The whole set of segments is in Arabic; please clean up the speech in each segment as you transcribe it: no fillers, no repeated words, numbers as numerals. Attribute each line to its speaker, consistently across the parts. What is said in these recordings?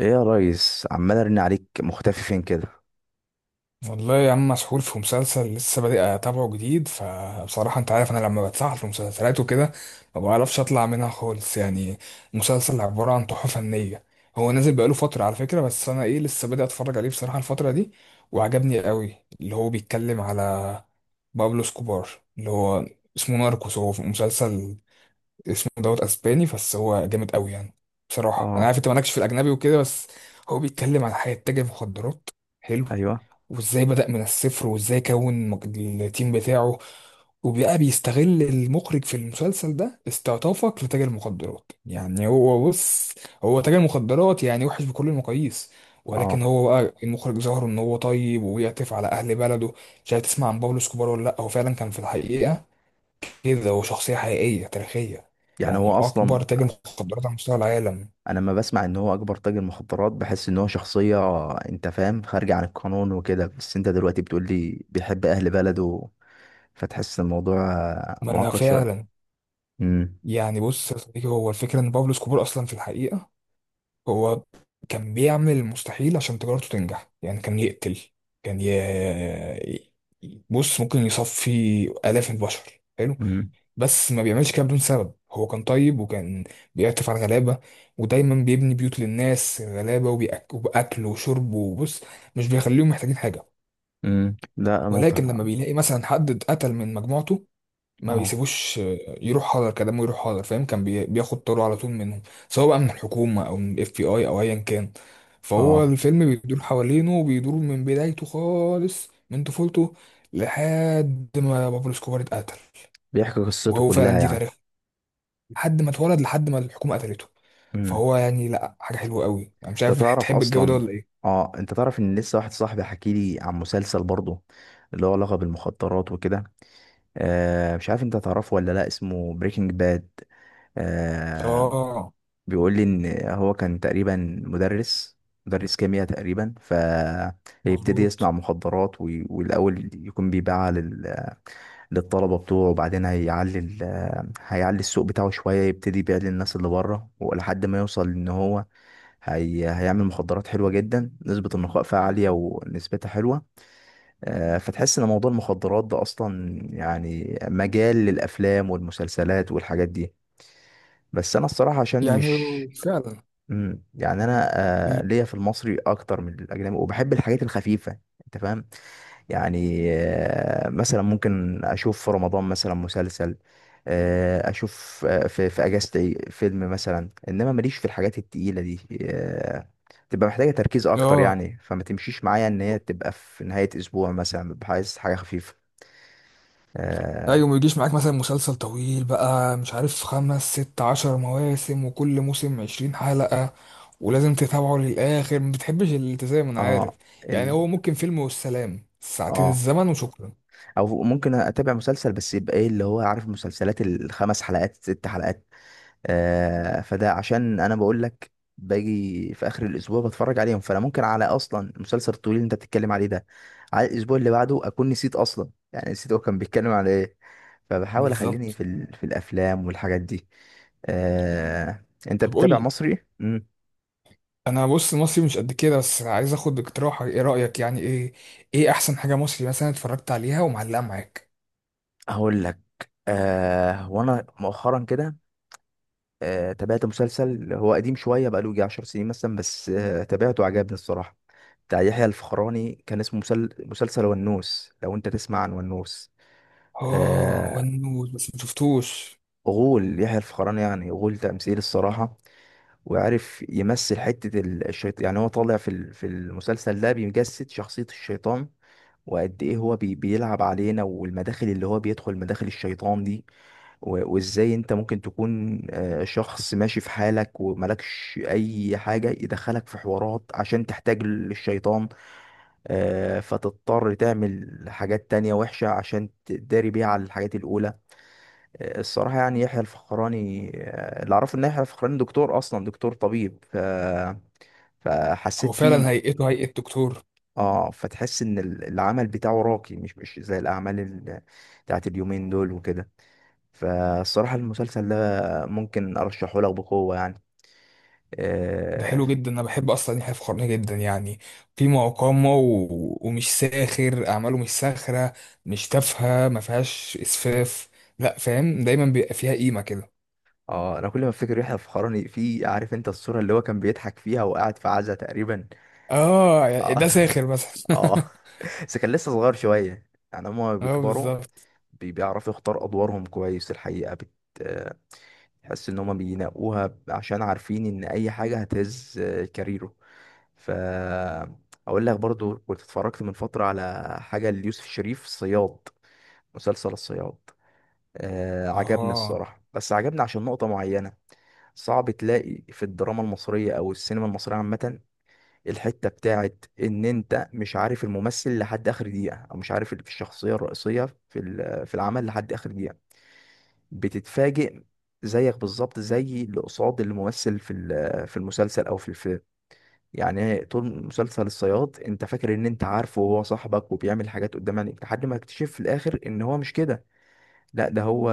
Speaker 1: ايه يا ريس، عمال ارن عليك، مختفي فين كده؟
Speaker 2: والله يا عم مسحول في مسلسل لسه بادئ اتابعه جديد، فبصراحة انت عارف انا لما بتسحل في مسلسلات وكده ما بعرفش اطلع منها خالص. يعني مسلسل عبارة عن تحفة فنية. هو نازل بقاله فترة على فكرة، بس انا ايه لسه بادئ اتفرج عليه بصراحة الفترة دي، وعجبني قوي. اللي هو بيتكلم على بابلو سكوبار، اللي هو اسمه ناركوس. هو في مسلسل اسمه دوت اسباني، بس هو جامد قوي يعني. بصراحة انا
Speaker 1: اه
Speaker 2: عارف انت مالكش في الاجنبي وكده، بس هو بيتكلم على حياة تاجر مخدرات حلو،
Speaker 1: ايوه
Speaker 2: وازاي بدأ من الصفر وازاي كون التيم بتاعه. وبقى بيستغل المخرج في المسلسل ده استعطافك لتاجر مخدرات، يعني هو بص، هو تاجر مخدرات يعني وحش بكل المقاييس، ولكن
Speaker 1: اه
Speaker 2: هو بقى المخرج ظهر ان هو طيب وبيعطف على اهل بلده. مش عارف تسمع عن بابلو اسكوبار ولا لا؟ هو فعلا كان في الحقيقة كده، هو شخصية حقيقية تاريخية،
Speaker 1: يعني
Speaker 2: يعني
Speaker 1: هو اصلا
Speaker 2: اكبر تاجر مخدرات على مستوى العالم.
Speaker 1: انا لما بسمع ان هو اكبر تاجر مخدرات، بحس ان هو شخصية، انت فاهم، خارجة عن القانون وكده، بس انت دلوقتي بتقول لي بيحب اهل بلده، فتحس الموضوع
Speaker 2: ما انا
Speaker 1: معقد شوية.
Speaker 2: فعلا.
Speaker 1: امم.
Speaker 2: يعني بص يا صديقي، هو الفكرة ان بابلو اسكوبار اصلا في الحقيقة هو كان بيعمل المستحيل عشان تجارته تنجح، يعني كان يقتل، كان ي... بص ممكن يصفي آلاف البشر. حلو.
Speaker 1: امم.
Speaker 2: بس ما بيعملش كده بدون سبب، هو كان طيب وكان بيعطف على الغلابة، ودايما بيبني بيوت للناس غلابة وبأكل وشرب وبص، مش بيخليهم محتاجين حاجة.
Speaker 1: امم، لا، موضوع.
Speaker 2: ولكن لما بيلاقي مثلا حد اتقتل من مجموعته، ما
Speaker 1: اه.
Speaker 2: بيسيبوش، يروح حاضر كلامه، يروح حاضر، فاهم؟ كان بياخد طاره على طول منهم، سواء بقى من الحكومه او من FBI او ايا كان. فهو
Speaker 1: اه،
Speaker 2: الفيلم بيدور حوالينه وبيدور من بدايته خالص من طفولته لحد ما بابلو اسكوبار اتقتل.
Speaker 1: بيحكي قصته
Speaker 2: وهو
Speaker 1: كلها
Speaker 2: فعلا دي
Speaker 1: يعني.
Speaker 2: تاريخ، لحد ما اتولد لحد ما الحكومه قتلته.
Speaker 1: امم.
Speaker 2: فهو يعني لا، حاجه حلوه قوي. انا مش
Speaker 1: انت
Speaker 2: عارف
Speaker 1: تعرف
Speaker 2: تحب الجو ده
Speaker 1: اصلا
Speaker 2: ولا ايه.
Speaker 1: اه، انت تعرف ان لسه واحد صاحبي حكي لي عن مسلسل برضه، اللي هو علاقة بالمخدرات وكده. آه، مش عارف انت تعرفه ولا لا، اسمه بريكنج باد. آه.
Speaker 2: اه،
Speaker 1: بيقول لي ان هو كان تقريبا مدرس، مدرس كيمياء تقريبا، فيبتدي
Speaker 2: مظبوط.
Speaker 1: يصنع مخدرات والاول يكون بيبيعها للطلبه بتوعه، وبعدين هيعلي ال- آه، هيعلي السوق بتاعه شويه، يبتدي يبيع للناس اللي بره ولحد ما يوصل ان هو هيعمل مخدرات حلوه جدا، نسبه النقاء فيها عاليه ونسبتها حلوه. فتحس ان موضوع المخدرات ده اصلا يعني مجال للافلام والمسلسلات والحاجات دي، بس انا الصراحه عشان
Speaker 2: يعني
Speaker 1: مش...
Speaker 2: فعلا
Speaker 1: يعني انا
Speaker 2: ال-
Speaker 1: ليا في المصري اكتر من الاجنبي، وبحب الحاجات الخفيفه، انت فاهم؟ يعني مثلا ممكن اشوف في رمضان مثلا مسلسل، اشوف في اجازتي فيلم مثلا، انما ماليش في الحاجات التقيله دي. تبقى محتاجه تركيز اكتر
Speaker 2: اه
Speaker 1: يعني، فما تمشيش معايا ان هي تبقى في نهايه اسبوع مثلا، ببقى عايز حاجه خفيفه. اه.
Speaker 2: ايوه، ما يجيش معاك مثلا مسلسل طويل بقى مش عارف 5 6 10 مواسم وكل موسم 20 حلقة ولازم تتابعه للآخر، ما بتحبش الالتزام انا عارف.
Speaker 1: اه.
Speaker 2: يعني
Speaker 1: ال...
Speaker 2: هو ممكن فيلم والسلام، ساعتين
Speaker 1: اه.
Speaker 2: الزمن وشكرا.
Speaker 1: او ممكن اتابع مسلسل بس يبقى ايه، اللي هو عارف، المسلسلات الخمس حلقات، ست حلقات. فده عشان انا بقول لك باجي في اخر الاسبوع بتفرج عليهم، فانا ممكن على اصلا المسلسل الطويل اللي انت بتتكلم عليه ده، على الاسبوع اللي بعده اكون نسيت اصلا، يعني نسيت هو كان بيتكلم على ايه، فبحاول اخليني
Speaker 2: بالظبط.
Speaker 1: في الافلام والحاجات دي. آه. انت
Speaker 2: طب قول
Speaker 1: بتتابع
Speaker 2: لي،
Speaker 1: مصري؟ امم.
Speaker 2: انا بص مصري مش قد كده، بس عايز اخد اقتراحك، ايه رأيك يعني، ايه ايه احسن حاجة مصري مثلا اتفرجت عليها ومعلقة معاك؟
Speaker 1: هقول لك. آه، وانا مؤخرا كده تابعت مسلسل، هو قديم شوية، بقاله يجي عشر سنين مثلا، بس تابعته، عجبني الصراحة، بتاع يحيى الفخراني، كان اسمه مسلسل ونوس، لو انت تسمع عن ونوس.
Speaker 2: اه
Speaker 1: آه،
Speaker 2: ونوت، بس ما شفتوش.
Speaker 1: غول يحيى الفخراني، يعني غول تمثيل الصراحة، وعارف يمثل حتة الشيطان. يعني هو طالع في في المسلسل ده بيجسد شخصية الشيطان، وقد ايه هو بيلعب علينا، والمداخل اللي هو بيدخل، مداخل الشيطان دي، وازاي انت ممكن تكون شخص ماشي في حالك وملكش اي حاجة يدخلك في حوارات عشان تحتاج للشيطان. فتضطر تعمل حاجات تانية وحشة عشان تداري بيها على الحاجات الأولى. الصراحة يعني يحيى الفخراني، اللي أعرفه إن يحيى الفخراني دكتور أصلا، دكتور طبيب،
Speaker 2: هو
Speaker 1: فحسيت
Speaker 2: فعلا
Speaker 1: فيه.
Speaker 2: هيئته هيئة دكتور.
Speaker 1: اه، فتحس إن العمل بتاعه راقي، مش زي الأعمال بتاعت اليومين دول وكده، فالصراحة المسلسل ده ممكن أرشحه لك بقوة يعني.
Speaker 2: ده
Speaker 1: اه.
Speaker 2: حلو جدا، انا بحب اصلا يحيى الفخراني جدا يعني. قيمه وقامه و... ومش ساخر، اعماله مش ساخره، مش تافهه، ما فيهاش اسفاف، لا فاهم، دايما بيبقى فيها قيمه كده.
Speaker 1: أنا كل ما أفتكر يحيى الفخراني، في عارف أنت الصورة اللي هو كان بيضحك فيها وقاعد في عزا تقريبا.
Speaker 2: اه يعني
Speaker 1: اه.
Speaker 2: ده ساخر مثلا.
Speaker 1: اه. بس كان لسه صغير شوية، يعني هما
Speaker 2: اه
Speaker 1: بيكبروا،
Speaker 2: بالظبط.
Speaker 1: بيعرفوا يختار ادوارهم كويس الحقيقه، بت آه، تحس ان هما بينقوها عشان عارفين ان اي حاجه هتهز كاريره. ف اقول لك برضو، كنت اتفرجت من فتره على حاجه ليوسف شريف، صياد، مسلسل الصياد. آه، عجبني
Speaker 2: اه
Speaker 1: الصراحه، بس عجبني عشان نقطه معينه. صعب تلاقي في الدراما المصريه او السينما المصريه عامه الحته بتاعت ان انت مش عارف الممثل لحد اخر دقيقه، او مش عارف الشخصيه الرئيسيه في في العمل لحد اخر دقيقه، بتتفاجئ زيك بالظبط زي اللي قصاد الممثل في في المسلسل او في الفيلم. يعني طول مسلسل الصياد انت فاكر ان انت عارفه، وهو صاحبك، وبيعمل حاجات قدام عينيك، لحد ما اكتشف في الاخر ان هو مش كده، لا ده هو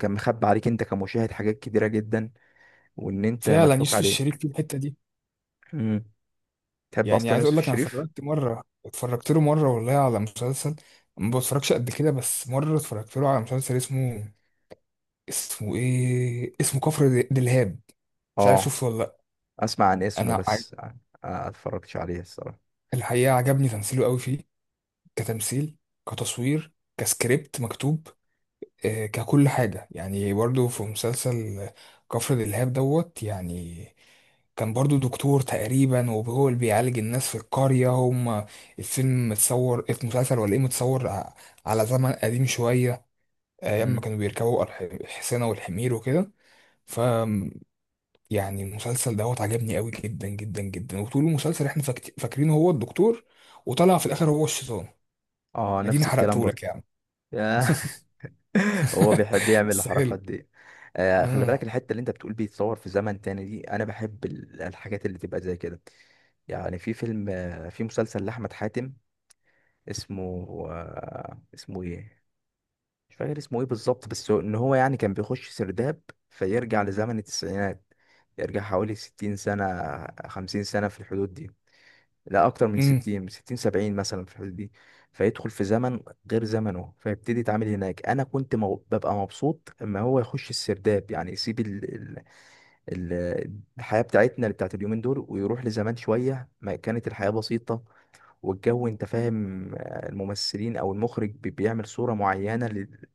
Speaker 1: كان مخبي عليك انت كمشاهد حاجات كتيرة جدا، وان انت
Speaker 2: فعلا
Speaker 1: مضحوك
Speaker 2: يوسف الشريف
Speaker 1: عليك.
Speaker 2: في الحته دي.
Speaker 1: مم. تحب
Speaker 2: يعني
Speaker 1: اصلا
Speaker 2: عايز اقول
Speaker 1: يوسف
Speaker 2: لك، انا
Speaker 1: الشريف؟
Speaker 2: اتفرجت مره، اتفرجت له مره والله على مسلسل، ما بتفرجش قد كده، بس مره اتفرجت له على مسلسل اسمه، اسمه ايه، اسمه كفر دلهاب. مش عارف
Speaker 1: اه،
Speaker 2: شوفه ولا لا؟
Speaker 1: اسمع عن اسمه
Speaker 2: انا
Speaker 1: بس. آه، اتفرجتش عليه الصراحة.
Speaker 2: الحقيقة عجبني تمثيله قوي فيه، كتمثيل، كتصوير، كسكريبت مكتوب، آه، ككل حاجة. يعني برضو في مسلسل كفر دلهاب دوت يعني، كان برضو دكتور تقريبا وهو اللي بيعالج الناس في القرية. هم الفيلم متصور، المسلسل ولا ايه متصور على زمن قديم شوية، أيام ما
Speaker 1: مم.
Speaker 2: كانوا بيركبوا الحصينة والحمير وكده. يعني المسلسل دوت عجبني قوي جدا جدا جدا. وطول المسلسل احنا فاكرين هو الدكتور، وطلع في الاخر هو الشيطان.
Speaker 1: اه،
Speaker 2: اديني
Speaker 1: نفس الكلام
Speaker 2: حرقته لك
Speaker 1: برضه.
Speaker 2: يعني.
Speaker 1: هو بيحب يعمل
Speaker 2: بس حلو.
Speaker 1: الحركات دي. آه، خلي
Speaker 2: امم
Speaker 1: بالك الحته اللي انت بتقول بيتصور في زمن تاني دي، انا بحب الحاجات اللي تبقى زي كده. يعني في فيلم، في مسلسل لاحمد حاتم، اسمه اسمه ايه، مش فاكر اسمه ايه بالظبط، بس ان هو يعني كان بيخش سرداب فيرجع لزمن التسعينات، يرجع حوالي 60 سنه، 50 سنه، في الحدود دي. لا اكتر من
Speaker 2: امم
Speaker 1: 60، 60، 70 مثلا، في الحدود دي. فيدخل في زمن غير زمنه، فيبتدي يتعامل هناك. انا كنت ببقى مبسوط اما هو يخش السرداب، يعني يسيب ال- الحياة بتاعتنا اللي بتاعت اليومين دول، ويروح لزمان شوية ما كانت الحياة بسيطة، والجو انت فاهم. الممثلين او المخرج بيعمل صورة معينة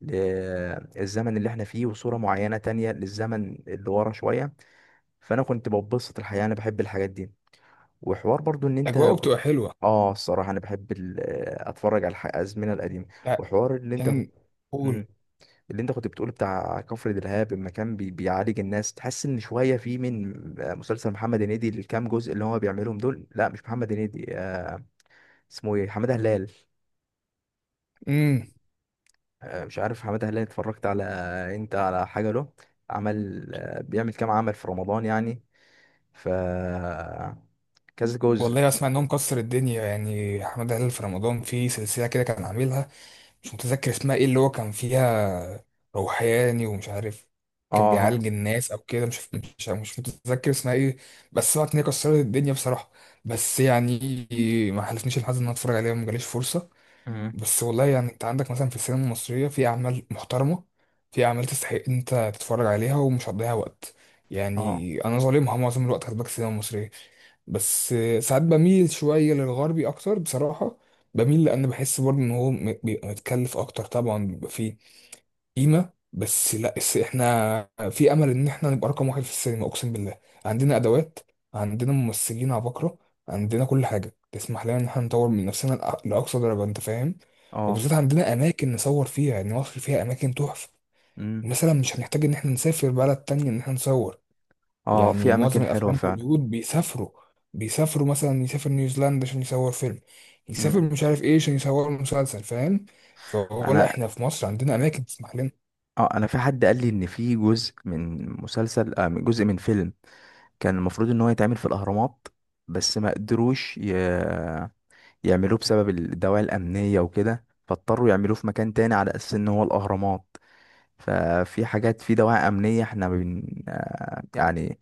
Speaker 1: للزمن اللي احنا فيه، وصورة معينة تانية للزمن اللي ورا شوية. فانا كنت ببسط الحياة، انا بحب الحاجات دي. وحوار برضو ان انت
Speaker 2: اجواءه بتبقى
Speaker 1: كنت...
Speaker 2: حلوه.
Speaker 1: اه، الصراحه انا بحب ال... آه، اتفرج على الازمنه القديمه.
Speaker 2: يع-
Speaker 1: وحوار اللي انت كنت...
Speaker 2: يعني قول.
Speaker 1: مم. اللي انت كنت بتقول بتاع كفر دلهاب، لما كان بيعالج الناس، تحس ان شويه في من مسلسل محمد هنيدي، الكام جزء اللي هو بيعملهم دول. لا مش محمد هنيدي، اسمه ايه، حماده هلال.
Speaker 2: امم
Speaker 1: مش عارف حماده هلال اتفرجت على انت على حاجه له؟ عمل بيعمل كام عمل في رمضان يعني، ف كذا جزء.
Speaker 2: والله اسمع انه مكسر الدنيا، يعني احمد هلال في رمضان في سلسله كده كان عاملها، مش متذكر اسمها ايه، اللي هو كان فيها روحاني ومش عارف، كان
Speaker 1: اه.
Speaker 2: بيعالج الناس او كده، مش متذكر اسمها ايه. بس هو كانت كسرت الدنيا بصراحه. بس يعني ما حلفنيش الحظ ان انا اتفرج عليها، ما جاليش فرصه.
Speaker 1: مم.
Speaker 2: بس والله يعني انت عندك مثلا في السينما المصريه في اعمال محترمه، في اعمال تستحق إن انت تتفرج عليها ومش هتضيع وقت.
Speaker 1: اه.
Speaker 2: يعني انا ظالمها معظم الوقت، خد بالك، السينما المصريه. بس ساعات بميل شوية للغربي أكتر بصراحة. بميل لأن بحس برضه إن هو بيبقى متكلف أكتر، طبعا بيبقى فيه قيمة، بس لا، بس إحنا في أمل إن إحنا نبقى رقم 1 في السينما أقسم بالله. عندنا أدوات، عندنا ممثلين عباقرة، عندنا كل حاجة تسمح لنا إن إحنا نطور من نفسنا لأقصى درجة، أنت فاهم. وبالذات
Speaker 1: اه.
Speaker 2: عندنا أماكن نصور فيها، يعني مصر فيها أماكن تحفة.
Speaker 1: مم.
Speaker 2: مثلا مش هنحتاج إن إحنا نسافر بلد تانية إن إحنا نصور.
Speaker 1: اه، في
Speaker 2: يعني معظم
Speaker 1: اماكن حلوه
Speaker 2: الافلام
Speaker 1: فعلا.
Speaker 2: هوليوود بيسافروا، مثلا يسافر نيوزيلندا عشان يصور فيلم، يسافر
Speaker 1: مم.
Speaker 2: مش عارف ايه عشان يصور مسلسل، فاهم. فهو لا،
Speaker 1: انا...
Speaker 2: احنا في مصر عندنا اماكن تسمح لنا.
Speaker 1: اه، انا في حد قال لي ان في جزء من مسلسل، من جزء من فيلم، كان المفروض ان هو يتعمل في الاهرامات، بس ما قدروش يعملوه بسبب الدواعي الامنيه وكده، فاضطروا يعملوه في مكان تاني على اساس ان هو الاهرامات. ففي حاجات في دواعي امنيه، احنا بن... آه يعني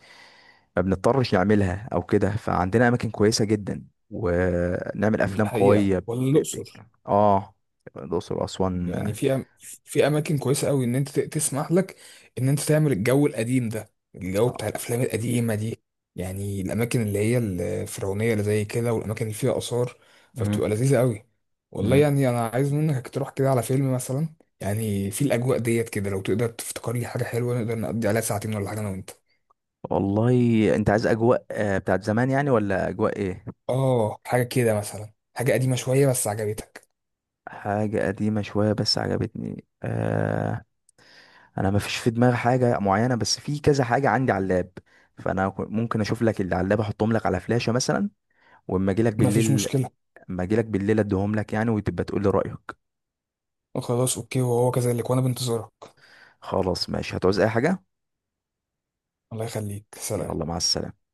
Speaker 1: ما بنضطرش نعملها او كده. فعندنا اماكن كويسه جدا، ونعمل
Speaker 2: دي
Speaker 1: افلام
Speaker 2: حقيقة
Speaker 1: قويه
Speaker 2: ولا
Speaker 1: ب...
Speaker 2: الاقصر.
Speaker 1: اه، الاقصر واسوان.
Speaker 2: يعني في أم... في اماكن كويسه قوي، ان انت تسمح لك ان انت تعمل الجو القديم ده، الجو بتاع الافلام القديمه دي، يعني الاماكن اللي هي الفرعونيه اللي زي كده والاماكن اللي فيها اثار،
Speaker 1: مم.
Speaker 2: فبتبقى لذيذه قوي. والله
Speaker 1: مم.
Speaker 2: يعني انا عايز منك تروح كده على فيلم مثلا، يعني في الاجواء ديت كده، لو تقدر تفتكر لي حاجه حلوه نقدر نقضي عليها ساعتين ولا حاجه انا وانت.
Speaker 1: والله. انت عايز اجواء بتاعت زمان يعني، ولا اجواء ايه؟
Speaker 2: اه حاجه كده مثلا، حاجه قديمه شويه بس عجبتك.
Speaker 1: حاجة قديمة شوية بس عجبتني. انا ما فيش في دماغي حاجة معينة، بس في كذا حاجة عندي على اللاب، فانا ممكن اشوف لك اللي على اللاب، احطهم لك على فلاشة مثلا، واما اجي لك
Speaker 2: مفيش
Speaker 1: بالليل،
Speaker 2: مشكله.
Speaker 1: اديهم لك يعني، وتبقى تقول لي رأيك.
Speaker 2: خلاص اوكي، وهو كذلك، وانا بنتظرك.
Speaker 1: خلاص ماشي، هتعوز اي حاجة؟
Speaker 2: الله يخليك، سلام.
Speaker 1: يلا مع السلامة.